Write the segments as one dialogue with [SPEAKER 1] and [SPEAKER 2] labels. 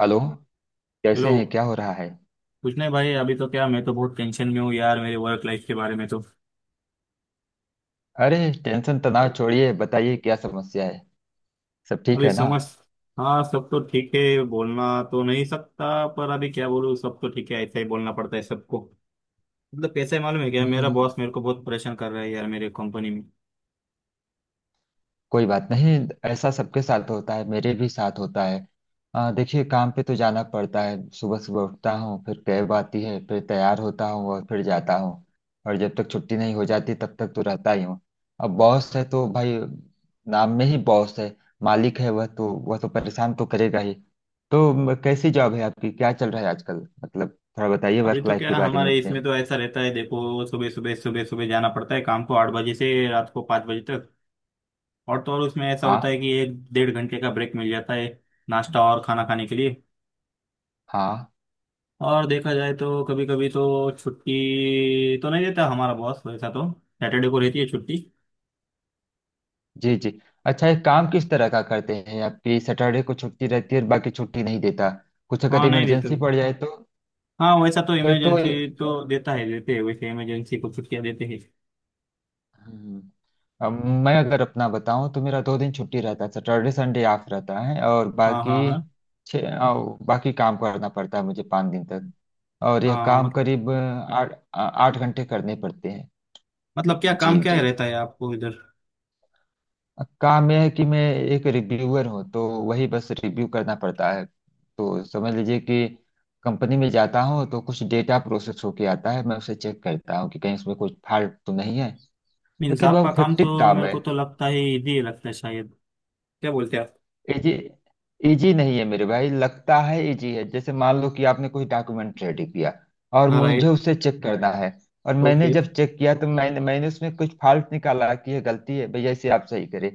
[SPEAKER 1] Hello. कैसे
[SPEAKER 2] hello.
[SPEAKER 1] हैं? क्या हो रहा है?
[SPEAKER 2] कुछ नहीं भाई, अभी तो क्या, मैं बहुत टेंशन में हूँ यार, मेरे वर्क लाइफ के बारे में तो।
[SPEAKER 1] अरे, टेंशन तनाव छोड़िए, बताइए क्या समस्या है। सब ठीक
[SPEAKER 2] अभी
[SPEAKER 1] है ना?
[SPEAKER 2] समझ हाँ, सब तो ठीक है। बोलना तो नहीं सकता, पर अभी क्या बोलूँ? सब तो ठीक है, ऐसा ही बोलना पड़ता है सबको। मतलब कैसा है मालूम है क्या, मेरा
[SPEAKER 1] हम्म।
[SPEAKER 2] बॉस मेरे को बहुत परेशान कर रहा है यार, मेरे कंपनी में।
[SPEAKER 1] कोई बात नहीं, ऐसा सबके साथ होता है, मेरे भी साथ होता है। देखिए, काम पे तो जाना पड़ता है, सुबह सुबह उठता हूँ, फिर कैब आती है, फिर तैयार होता हूँ और फिर जाता हूँ। और जब तक छुट्टी नहीं हो जाती तब तक तो रहता ही हूँ। अब बॉस है तो भाई, नाम में ही बॉस है, मालिक है। वह तो परेशान तो करेगा ही। तो कैसी जॉब है आपकी, क्या चल रहा है आजकल? मतलब थोड़ा बताइए
[SPEAKER 2] अभी
[SPEAKER 1] वर्क
[SPEAKER 2] तो
[SPEAKER 1] लाइफ के
[SPEAKER 2] क्या,
[SPEAKER 1] बारे में
[SPEAKER 2] हमारे
[SPEAKER 1] अपने।
[SPEAKER 2] इसमें तो ऐसा रहता है, देखो सुबह सुबह जाना पड़ता है काम को, 8 बजे से रात को 5 बजे तक। और तो और, उसमें ऐसा होता
[SPEAKER 1] हाँ
[SPEAKER 2] है कि एक डेढ़ घंटे का ब्रेक मिल जाता है नाश्ता और खाना खाने के लिए।
[SPEAKER 1] हाँ,
[SPEAKER 2] और देखा जाए तो कभी कभी तो छुट्टी तो नहीं देता हमारा बॉस, वैसा तो सैटरडे को रहती है छुट्टी।
[SPEAKER 1] जी जी। अच्छा, एक काम, किस तरह का करते हैं? आपकी सैटरडे को छुट्टी रहती है और बाकी छुट्टी नहीं देता, कुछ अगर
[SPEAKER 2] हाँ नहीं देते।
[SPEAKER 1] इमरजेंसी पड़ जाए तो?
[SPEAKER 2] हाँ, वैसा तो
[SPEAKER 1] फिर तो
[SPEAKER 2] इमरजेंसी तो देता है देते हैं, वैसे इमरजेंसी को छुट्टियाँ देते हैं।
[SPEAKER 1] हम्म, अब मैं अगर अपना बताऊं तो मेरा 2 दिन छुट्टी रहता है, सैटरडे संडे ऑफ रहता है, और
[SPEAKER 2] हाँ
[SPEAKER 1] बाकी
[SPEAKER 2] हाँ हाँ
[SPEAKER 1] बाकी काम करना पड़ता है मुझे 5 दिन तक। और यह
[SPEAKER 2] हाँ।
[SPEAKER 1] काम करीब आठ घंटे करने पड़ते हैं।
[SPEAKER 2] मतलब क्या
[SPEAKER 1] जी
[SPEAKER 2] काम, क्या
[SPEAKER 1] जी।
[SPEAKER 2] रहता है आपको इधर?
[SPEAKER 1] काम यह है कि मैं एक रिव्यूअर हूँ, तो वही बस रिव्यू करना पड़ता है। तो समझ लीजिए कि कंपनी में जाता हूँ तो कुछ डेटा प्रोसेस होके आता है, मैं उसे चेक करता हूँ कि कहीं उसमें कुछ फॉल्ट तो नहीं है।
[SPEAKER 2] मीन्स
[SPEAKER 1] लेकिन
[SPEAKER 2] आपका
[SPEAKER 1] बहुत
[SPEAKER 2] काम तो,
[SPEAKER 1] हेक्टिक काम
[SPEAKER 2] मेरे
[SPEAKER 1] है।
[SPEAKER 2] को तो लगता है इजी लगता है शायद। क्या बोलते हैं आप?
[SPEAKER 1] इजी? इजी नहीं है मेरे भाई, लगता है इजी है। जैसे मान लो कि आपने कोई डॉक्यूमेंट रेडी किया और
[SPEAKER 2] हाँ
[SPEAKER 1] मुझे
[SPEAKER 2] राइट।
[SPEAKER 1] उसे चेक करना है, और
[SPEAKER 2] ओके
[SPEAKER 1] मैंने
[SPEAKER 2] हाँ, right, okay,
[SPEAKER 1] जब चेक किया तो मैंने मैंने उसमें कुछ फॉल्ट निकाला कि ये गलती है भैया, इसे आप सही करें।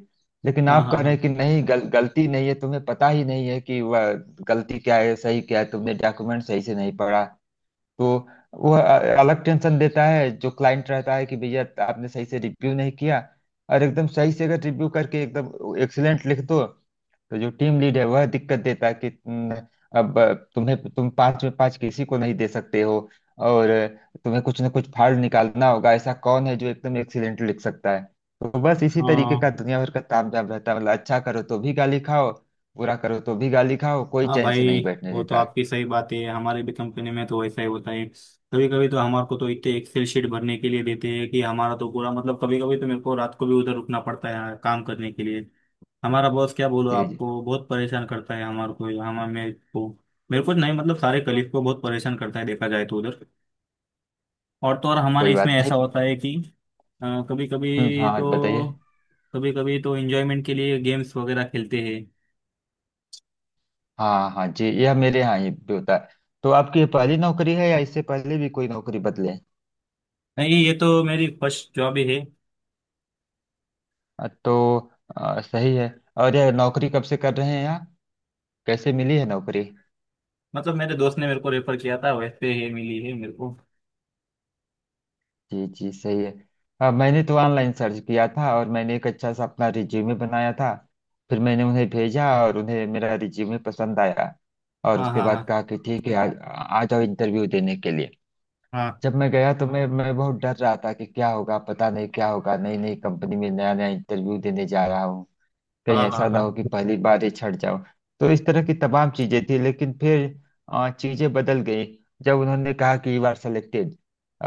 [SPEAKER 1] लेकिन
[SPEAKER 2] हाँ
[SPEAKER 1] आप कह रहे
[SPEAKER 2] हाँ
[SPEAKER 1] हैं कि नहीं, गलती नहीं है। तुम्हें पता ही नहीं है कि वह गलती क्या है, सही क्या है, तुमने डॉक्यूमेंट सही से नहीं पढ़ा। तो वह अलग टेंशन देता है, जो क्लाइंट रहता है कि भैया आपने सही से रिव्यू नहीं किया। और एकदम सही से अगर रिव्यू करके एकदम एक्सीलेंट लिख दो, तो जो टीम लीड है वह दिक्कत देता है कि तुम, अब तुम्हें, तुम पांच में पांच किसी को नहीं दे सकते हो, और तुम्हें कुछ ना कुछ फाड़ निकालना होगा। ऐसा कौन है जो एकदम एक्सीडेंट लिख सकता है? तो बस इसी तरीके
[SPEAKER 2] हाँ।
[SPEAKER 1] का दुनिया भर का तामझाम रहता है, मतलब अच्छा करो तो भी गाली खाओ, बुरा करो तो भी गाली खाओ, कोई
[SPEAKER 2] हाँ
[SPEAKER 1] चैन से
[SPEAKER 2] भाई,
[SPEAKER 1] नहीं बैठने
[SPEAKER 2] वो तो
[SPEAKER 1] देता है।
[SPEAKER 2] आपकी सही बात है। हमारे भी कंपनी में तो वैसा ही होता है, कभी कभी तो हमारे को तो इतने एक्सेल शीट भरने के लिए देते हैं कि हमारा तो पूरा, मतलब कभी कभी तो मेरे को रात को भी उधर रुकना पड़ता है काम करने के लिए। हमारा बॉस क्या बोलो,
[SPEAKER 1] जी जी,
[SPEAKER 2] आपको बहुत परेशान करता है, हमारे को हमारे मेरे को। मेरे को नहीं, मतलब सारे कलीग को बहुत परेशान करता है देखा जाए तो उधर। और तो और, हमारे
[SPEAKER 1] कोई
[SPEAKER 2] इसमें
[SPEAKER 1] बात नहीं।
[SPEAKER 2] ऐसा होता है कि कभी कभी
[SPEAKER 1] हाँ, बताइए।
[SPEAKER 2] तो कभी कभी तो एंजॉयमेंट के लिए गेम्स वगैरह खेलते हैं।
[SPEAKER 1] हाँ हाँ जी, यह मेरे यहाँ ही भी होता है। तो आपकी ये पहली नौकरी है या इससे पहले भी कोई नौकरी बदले?
[SPEAKER 2] नहीं, ये तो मेरी फर्स्ट जॉब ही है।
[SPEAKER 1] तो सही है। और यह नौकरी कब से कर रहे हैं आप? कैसे मिली है नौकरी?
[SPEAKER 2] मतलब, मेरे दोस्त ने मेरे को रेफर किया था वैसे, ये मिली है मेरे को।
[SPEAKER 1] जी जी, सही है। हाँ, मैंने तो ऑनलाइन सर्च किया था और मैंने एक अच्छा सा अपना रिज्यूमे बनाया था। फिर मैंने उन्हें भेजा और उन्हें मेरा रिज्यूमे पसंद आया, और
[SPEAKER 2] हाँ
[SPEAKER 1] उसके
[SPEAKER 2] हाँ हाँ
[SPEAKER 1] बाद कहा कि ठीक है, आज आ जाओ इंटरव्यू देने के लिए। जब मैं गया तो मैं बहुत डर रहा था कि क्या होगा, पता नहीं क्या होगा, नई नई कंपनी में नया नया इंटरव्यू देने जा रहा हूँ, कहीं
[SPEAKER 2] हाँ। हाँ
[SPEAKER 1] ऐसा
[SPEAKER 2] हाँ
[SPEAKER 1] ना हो कि
[SPEAKER 2] हाँ।
[SPEAKER 1] पहली बार ही छट जाओ। तो इस तरह की तमाम चीजें थी, लेकिन फिर चीजें बदल गई जब उन्होंने कहा कि यू आर सेलेक्टेड,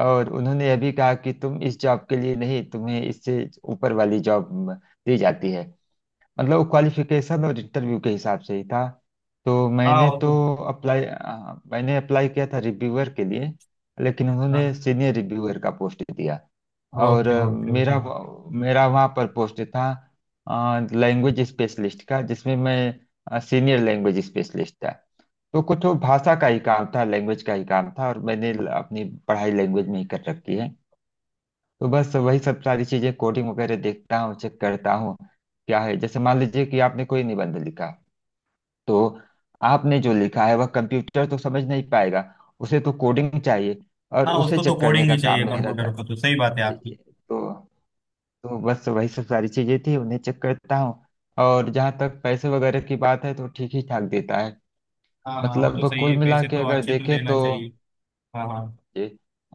[SPEAKER 1] और उन्होंने यह भी कहा कि तुम इस जॉब के लिए नहीं, तुम्हें इससे ऊपर वाली जॉब दी जाती है, मतलब वो क्वालिफिकेशन और इंटरव्यू के हिसाब से ही था। तो
[SPEAKER 2] हाँ
[SPEAKER 1] मैंने
[SPEAKER 2] वो
[SPEAKER 1] तो
[SPEAKER 2] तो
[SPEAKER 1] अप्लाई मैंने अप्लाई किया था रिव्यूअर के लिए, लेकिन
[SPEAKER 2] हाँ।
[SPEAKER 1] उन्होंने सीनियर रिव्यूअर का पोस्ट दिया। और
[SPEAKER 2] ओके ओके ओके।
[SPEAKER 1] मेरा वहाँ पर पोस्ट था लैंग्वेज स्पेशलिस्ट का, जिसमें मैं सीनियर लैंग्वेज स्पेशलिस्ट था। तो कुछ वो भाषा का ही काम था, लैंग्वेज का ही काम था, और मैंने अपनी पढ़ाई लैंग्वेज में ही कर रखी है। तो बस वही सब सारी चीजें, कोडिंग वगैरह देखता हूँ, चेक करता हूँ। क्या है, जैसे मान लीजिए कि आपने कोई निबंध लिखा, तो आपने जो लिखा है वह कंप्यूटर तो समझ नहीं पाएगा, उसे तो कोडिंग चाहिए, और
[SPEAKER 2] हाँ,
[SPEAKER 1] उसे
[SPEAKER 2] उसको तो
[SPEAKER 1] चेक करने
[SPEAKER 2] कोडिंग
[SPEAKER 1] का
[SPEAKER 2] ही चाहिए
[SPEAKER 1] काम मेरा
[SPEAKER 2] कंप्यूटर
[SPEAKER 1] था।
[SPEAKER 2] को तो, सही
[SPEAKER 1] जी,
[SPEAKER 2] बात है
[SPEAKER 1] जी।
[SPEAKER 2] आपकी।
[SPEAKER 1] तो बस वही सब सारी चीजें थी, उन्हें चेक करता हूँ। और जहाँ तक पैसे वगैरह की बात है तो ठीक ही ठाक देता है,
[SPEAKER 2] हाँ हाँ, वो तो
[SPEAKER 1] मतलब
[SPEAKER 2] सही
[SPEAKER 1] कुल
[SPEAKER 2] है,
[SPEAKER 1] मिला
[SPEAKER 2] पैसे
[SPEAKER 1] के
[SPEAKER 2] तो
[SPEAKER 1] अगर
[SPEAKER 2] अच्छे तो
[SPEAKER 1] देखें
[SPEAKER 2] देना
[SPEAKER 1] तो।
[SPEAKER 2] चाहिए। हाँ हाँ।
[SPEAKER 1] जी,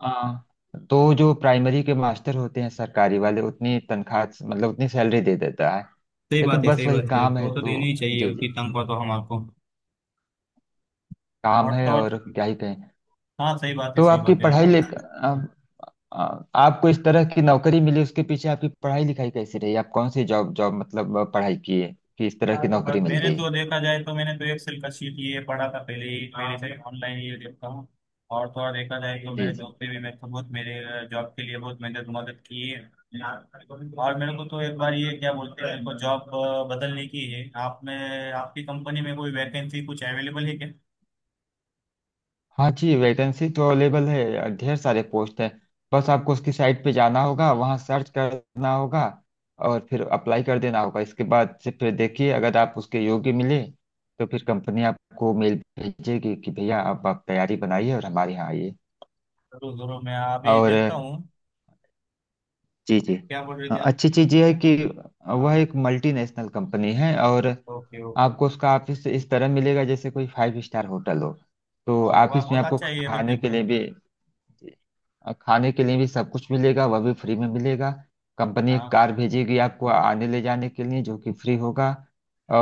[SPEAKER 1] हाँ। तो जो प्राइमरी के मास्टर होते हैं सरकारी वाले, उतनी तनख्वाह, मतलब उतनी सैलरी दे देता है।
[SPEAKER 2] सही
[SPEAKER 1] लेकिन
[SPEAKER 2] बात है,
[SPEAKER 1] बस
[SPEAKER 2] सही
[SPEAKER 1] वही
[SPEAKER 2] बात है
[SPEAKER 1] काम
[SPEAKER 2] आपकी,
[SPEAKER 1] है
[SPEAKER 2] वो तो
[SPEAKER 1] तो।
[SPEAKER 2] देनी ही चाहिए
[SPEAKER 1] जी
[SPEAKER 2] उतनी
[SPEAKER 1] जी।
[SPEAKER 2] तनख्वाह तो हम आपको।
[SPEAKER 1] काम
[SPEAKER 2] और तो
[SPEAKER 1] है,
[SPEAKER 2] और।
[SPEAKER 1] और क्या ही कहें।
[SPEAKER 2] हाँ, सही बात है,
[SPEAKER 1] तो
[SPEAKER 2] सही
[SPEAKER 1] आपकी
[SPEAKER 2] बात है
[SPEAKER 1] पढ़ाई
[SPEAKER 2] आपकी।
[SPEAKER 1] ले आ, आ, आपको इस तरह की नौकरी मिली, उसके पीछे आपकी पढ़ाई लिखाई कैसी रही? आप कौन सी जॉब जॉब मतलब पढ़ाई किए कि इस तरह की नौकरी मिल
[SPEAKER 2] मैंने
[SPEAKER 1] गई?
[SPEAKER 2] तो देखा जाए तो, मैंने तो एक्सेल का शीट ये पढ़ा था पहले ही, पहले से ऑनलाइन ये देखता हूँ। और थोड़ा देखा जाए तो मेरे
[SPEAKER 1] जी
[SPEAKER 2] दोस्त ने भी मेरे को बहुत, मेरे जॉब के लिए बहुत मेहनत, मदद की है। और मेरे को तो एक बार ये क्या बोलते हैं, मेरे को जॉब बदलने की है। आप में, आपकी कंपनी में कोई वैकेंसी कुछ अवेलेबल है क्या?
[SPEAKER 1] हाँ, जी, वैकेंसी तो अवेलेबल है, ढेर सारे पोस्ट हैं, बस आपको उसकी साइट पे जाना होगा, वहाँ सर्च करना होगा और फिर अप्लाई कर देना होगा। इसके बाद से फिर देखिए, अगर आप उसके योग्य मिले तो फिर कंपनी आपको मेल भेजेगी कि भैया आप तैयारी बनाइए और हमारे यहाँ आइए।
[SPEAKER 2] जरूर जरूर, मैं अभी
[SPEAKER 1] और,
[SPEAKER 2] देखता हूँ।
[SPEAKER 1] जी जी,
[SPEAKER 2] क्या बोल रहे थे आप?
[SPEAKER 1] अच्छी चीज़ यह है कि
[SPEAKER 2] हाँ
[SPEAKER 1] वह
[SPEAKER 2] हाँ।
[SPEAKER 1] एक मल्टीनेशनल कंपनी है, और
[SPEAKER 2] ओके ओके।
[SPEAKER 1] आपको उसका ऑफिस इस तरह मिलेगा जैसे कोई फाइव स्टार होटल हो। तो
[SPEAKER 2] अरे वाह,
[SPEAKER 1] ऑफिस में
[SPEAKER 2] बहुत
[SPEAKER 1] आपको
[SPEAKER 2] अच्छा है ये तो,
[SPEAKER 1] खाने
[SPEAKER 2] फिर
[SPEAKER 1] के
[SPEAKER 2] तो।
[SPEAKER 1] लिए भी, जी, और खाने के लिए भी सब कुछ मिलेगा, वह भी फ्री में मिलेगा। कंपनी एक
[SPEAKER 2] हाँ।
[SPEAKER 1] कार भेजेगी आपको आने ले जाने के लिए, जो कि फ्री होगा।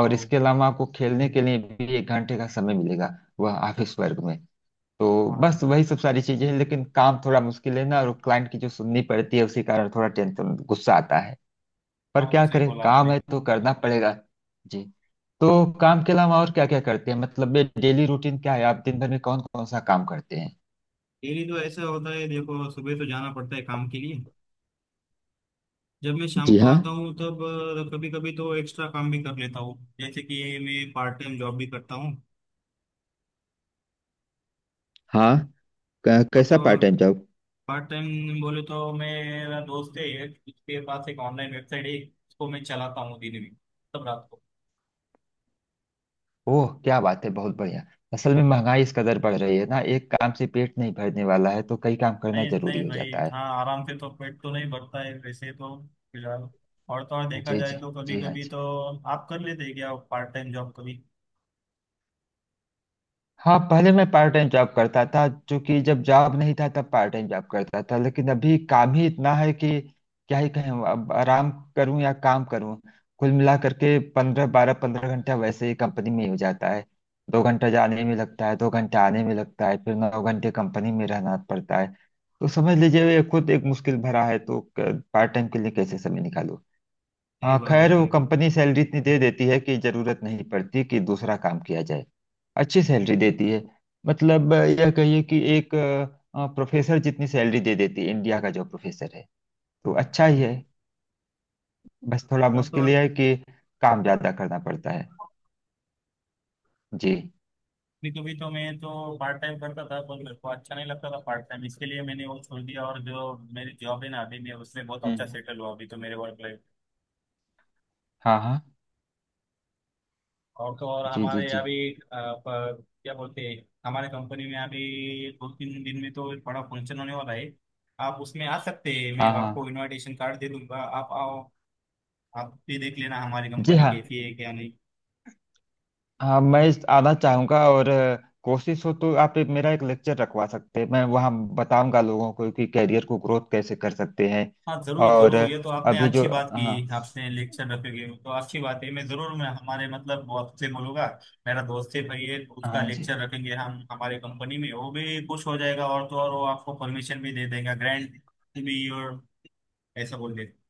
[SPEAKER 2] ओ।
[SPEAKER 1] इसके अलावा आपको खेलने के लिए भी 1 घंटे का समय मिलेगा, वह ऑफिस वर्ग में। तो
[SPEAKER 2] हाँ।
[SPEAKER 1] बस वही सब सारी चीजें हैं, लेकिन काम थोड़ा मुश्किल है ना, और क्लाइंट की जो सुननी पड़ती है उसी कारण थोड़ा टेंशन, गुस्सा आता है।
[SPEAKER 2] हाँ
[SPEAKER 1] पर
[SPEAKER 2] वो तो
[SPEAKER 1] क्या
[SPEAKER 2] सही
[SPEAKER 1] करें,
[SPEAKER 2] बोला
[SPEAKER 1] काम
[SPEAKER 2] आपने।
[SPEAKER 1] है तो करना पड़ेगा। जी। तो काम के अलावा और क्या क्या करते हैं, मतलब ये डेली रूटीन क्या है, आप दिन भर में कौन कौन सा काम करते हैं?
[SPEAKER 2] डेली तो ऐसा होता है, देखो सुबह तो जाना पड़ता है काम के लिए। जब मैं शाम
[SPEAKER 1] जी
[SPEAKER 2] को
[SPEAKER 1] हाँ।
[SPEAKER 2] आता हूँ तब कभी कभी तो एक्स्ट्रा काम भी कर लेता हूँ, जैसे कि मैं पार्ट टाइम जॉब भी करता हूँ।
[SPEAKER 1] हाँ,
[SPEAKER 2] और
[SPEAKER 1] कैसा
[SPEAKER 2] तो
[SPEAKER 1] part time job?
[SPEAKER 2] Part time बोले तो मेरा दोस्त है एक, उसके पास एक ऑनलाइन वेबसाइट है, उसको मैं चलाता हूँ दिन में, तब रात को।
[SPEAKER 1] ओह, क्या बात है, बहुत बढ़िया। असल में महंगाई इस कदर बढ़ रही है ना, एक काम से पेट नहीं भरने वाला है, तो कई काम करना
[SPEAKER 2] नहीं
[SPEAKER 1] जरूरी
[SPEAKER 2] नहीं
[SPEAKER 1] हो
[SPEAKER 2] भाई,
[SPEAKER 1] जाता है।
[SPEAKER 2] हाँ, आराम से तो पेट तो नहीं भरता है वैसे तो। फिलहाल। और तो और देखा
[SPEAKER 1] जी
[SPEAKER 2] जाए
[SPEAKER 1] जी,
[SPEAKER 2] तो कभी
[SPEAKER 1] जी हाँ,
[SPEAKER 2] कभी
[SPEAKER 1] जी
[SPEAKER 2] तो, आप कर लेते हैं क्या पार्ट टाइम जॉब कभी?
[SPEAKER 1] हाँ। पहले मैं पार्ट टाइम जॉब करता था, जो कि जब जॉब नहीं था तब पार्ट टाइम जॉब करता था, लेकिन अभी काम ही इतना है कि क्या ही कहें, अब आराम करूं या काम करूं। कुल मिला करके पंद्रह 12-15 घंटा वैसे ही कंपनी में ही हो जाता है, 2 घंटा जाने में लगता है, 2 घंटा आने में लगता है, फिर 9 घंटे कंपनी में रहना पड़ता है। तो समझ लीजिए ये खुद एक मुश्किल भरा है, तो पार्ट टाइम के लिए कैसे समय निकालूं।
[SPEAKER 2] सही
[SPEAKER 1] हाँ
[SPEAKER 2] बात है,
[SPEAKER 1] खैर, वो
[SPEAKER 2] सही बात
[SPEAKER 1] कंपनी सैलरी इतनी दे देती है कि जरूरत नहीं पड़ती कि दूसरा काम किया जाए, अच्छी सैलरी देती है। मतलब यह कहिए कि एक प्रोफेसर जितनी सैलरी दे देती है, इंडिया का जो प्रोफेसर है, तो अच्छा ही
[SPEAKER 2] है।
[SPEAKER 1] है। बस थोड़ा
[SPEAKER 2] और तो
[SPEAKER 1] मुश्किल यह है कि काम ज्यादा करना पड़ता है।
[SPEAKER 2] और।
[SPEAKER 1] जी।
[SPEAKER 2] नहीं, कभी तो मैं तो पार्ट टाइम करता था, पर मेरे को अच्छा नहीं लगता था पार्ट टाइम, इसके लिए मैंने वो छोड़ दिया। और जो मेरी जॉब है ना अभी, मैं उसमें बहुत अच्छा
[SPEAKER 1] हम्म,
[SPEAKER 2] सेटल हुआ अभी तो, मेरे वर्क लाइफ।
[SPEAKER 1] हाँ हाँ,
[SPEAKER 2] और तो और
[SPEAKER 1] जी जी,
[SPEAKER 2] हमारे
[SPEAKER 1] जी
[SPEAKER 2] अभी क्या बोलते हैं, हमारे कंपनी में अभी दो तीन दिन में तो बड़ा फंक्शन होने वाला है। आप उसमें आ सकते हैं, मैं
[SPEAKER 1] हाँ, हाँ
[SPEAKER 2] आपको इनविटेशन कार्ड दे दूंगा, आप आओ। आप भी देख लेना हमारी
[SPEAKER 1] जी
[SPEAKER 2] कंपनी
[SPEAKER 1] हाँ।
[SPEAKER 2] कैसी है क्या नहीं।
[SPEAKER 1] हाँ, मैं आना चाहूंगा और कोशिश हो तो आप एक मेरा एक लेक्चर रखवा सकते हैं, मैं वहाँ बताऊंगा लोगों को कि कैरियर को ग्रोथ कैसे कर सकते हैं।
[SPEAKER 2] हाँ जरूर
[SPEAKER 1] और
[SPEAKER 2] जरूर, ये तो आपने
[SPEAKER 1] अभी जो
[SPEAKER 2] अच्छी बात
[SPEAKER 1] हाँ
[SPEAKER 2] की, आपने लेक्चर रखोगे तो अच्छी बात है, मैं जरूर, मैं हमारे मतलब बॉस से बोलूंगा। मेरा दोस्त है, भाई है तो, उसका
[SPEAKER 1] हाँ, जी
[SPEAKER 2] लेक्चर रखेंगे हम हमारे कंपनी में, वो भी खुश हो जाएगा। और तो और वो आपको परमिशन भी दे देगा, ग्रैंड भी, और ऐसा बोल देगा।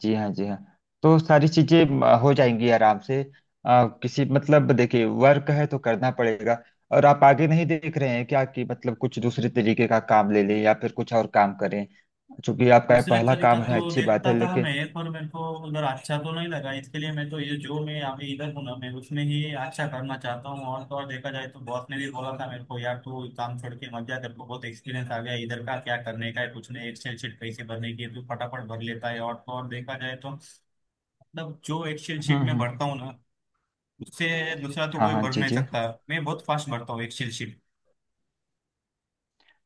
[SPEAKER 1] जी, हाँ जी हाँ, तो सारी चीजें हो जाएंगी आराम से। किसी मतलब देखिए, वर्क है तो करना पड़ेगा। और आप आगे नहीं देख रहे हैं क्या, कि मतलब कुछ दूसरे तरीके का काम ले लें या फिर कुछ और काम करें? चूंकि आपका ये
[SPEAKER 2] दूसरे
[SPEAKER 1] पहला
[SPEAKER 2] तरीका
[SPEAKER 1] काम
[SPEAKER 2] तो
[SPEAKER 1] है, अच्छी बात
[SPEAKER 2] देखता
[SPEAKER 1] है
[SPEAKER 2] था मैं,
[SPEAKER 1] लेकिन।
[SPEAKER 2] पर मेरे को उधर अच्छा तो नहीं लगा, इसके लिए मैं तो ये जो मैं अभी इधर हूँ ना, मैं उसमें ही अच्छा करना चाहता हूँ। और तो और देखा जाए तो बॉस ने भी बोला था मेरे को, यार तू काम छोड़ के मत जा, तेरे को बहुत एक्सपीरियंस आ गया इधर का, क्या करने का है कुछ नहीं, एक्सेल शीट कैसे भरने की है तू फटाफट भर लेता है। और तो और देखा जाए तो, मतलब जो एक्सेल
[SPEAKER 1] हम्म,
[SPEAKER 2] शीट में
[SPEAKER 1] हम्म।
[SPEAKER 2] भरता हूँ ना, उससे दूसरा तो
[SPEAKER 1] हाँ
[SPEAKER 2] कोई
[SPEAKER 1] हाँ,
[SPEAKER 2] भर
[SPEAKER 1] जी
[SPEAKER 2] नहीं
[SPEAKER 1] जी।
[SPEAKER 2] सकता। मैं बहुत फास्ट भरता हूँ एक्सेल शीट।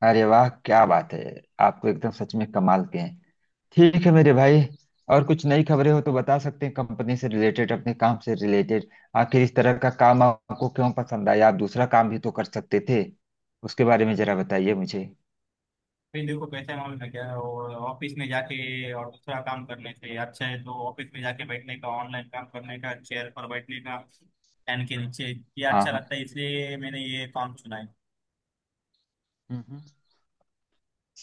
[SPEAKER 1] अरे वाह, क्या बात है, आप तो एकदम सच में कमाल के हैं। ठीक है मेरे भाई, और कुछ नई खबरें हो तो बता सकते हैं, कंपनी से रिलेटेड, अपने काम से रिलेटेड। आखिर इस तरह का काम आपको क्यों पसंद आया? आप दूसरा काम भी तो कर सकते थे, उसके बारे में जरा बताइए मुझे।
[SPEAKER 2] भाई देखो कैसा है मालूम है क्या, और ऑफिस में जाके और दूसरा काम करने से अच्छा है तो ऑफिस में जाके बैठने का, ऑनलाइन काम करने का, चेयर पर बैठने का, फैन के नीचे, ये
[SPEAKER 1] हाँ
[SPEAKER 2] अच्छा
[SPEAKER 1] हाँ।
[SPEAKER 2] लगता है, इसलिए मैंने ये काम चुना है।
[SPEAKER 1] हम्म।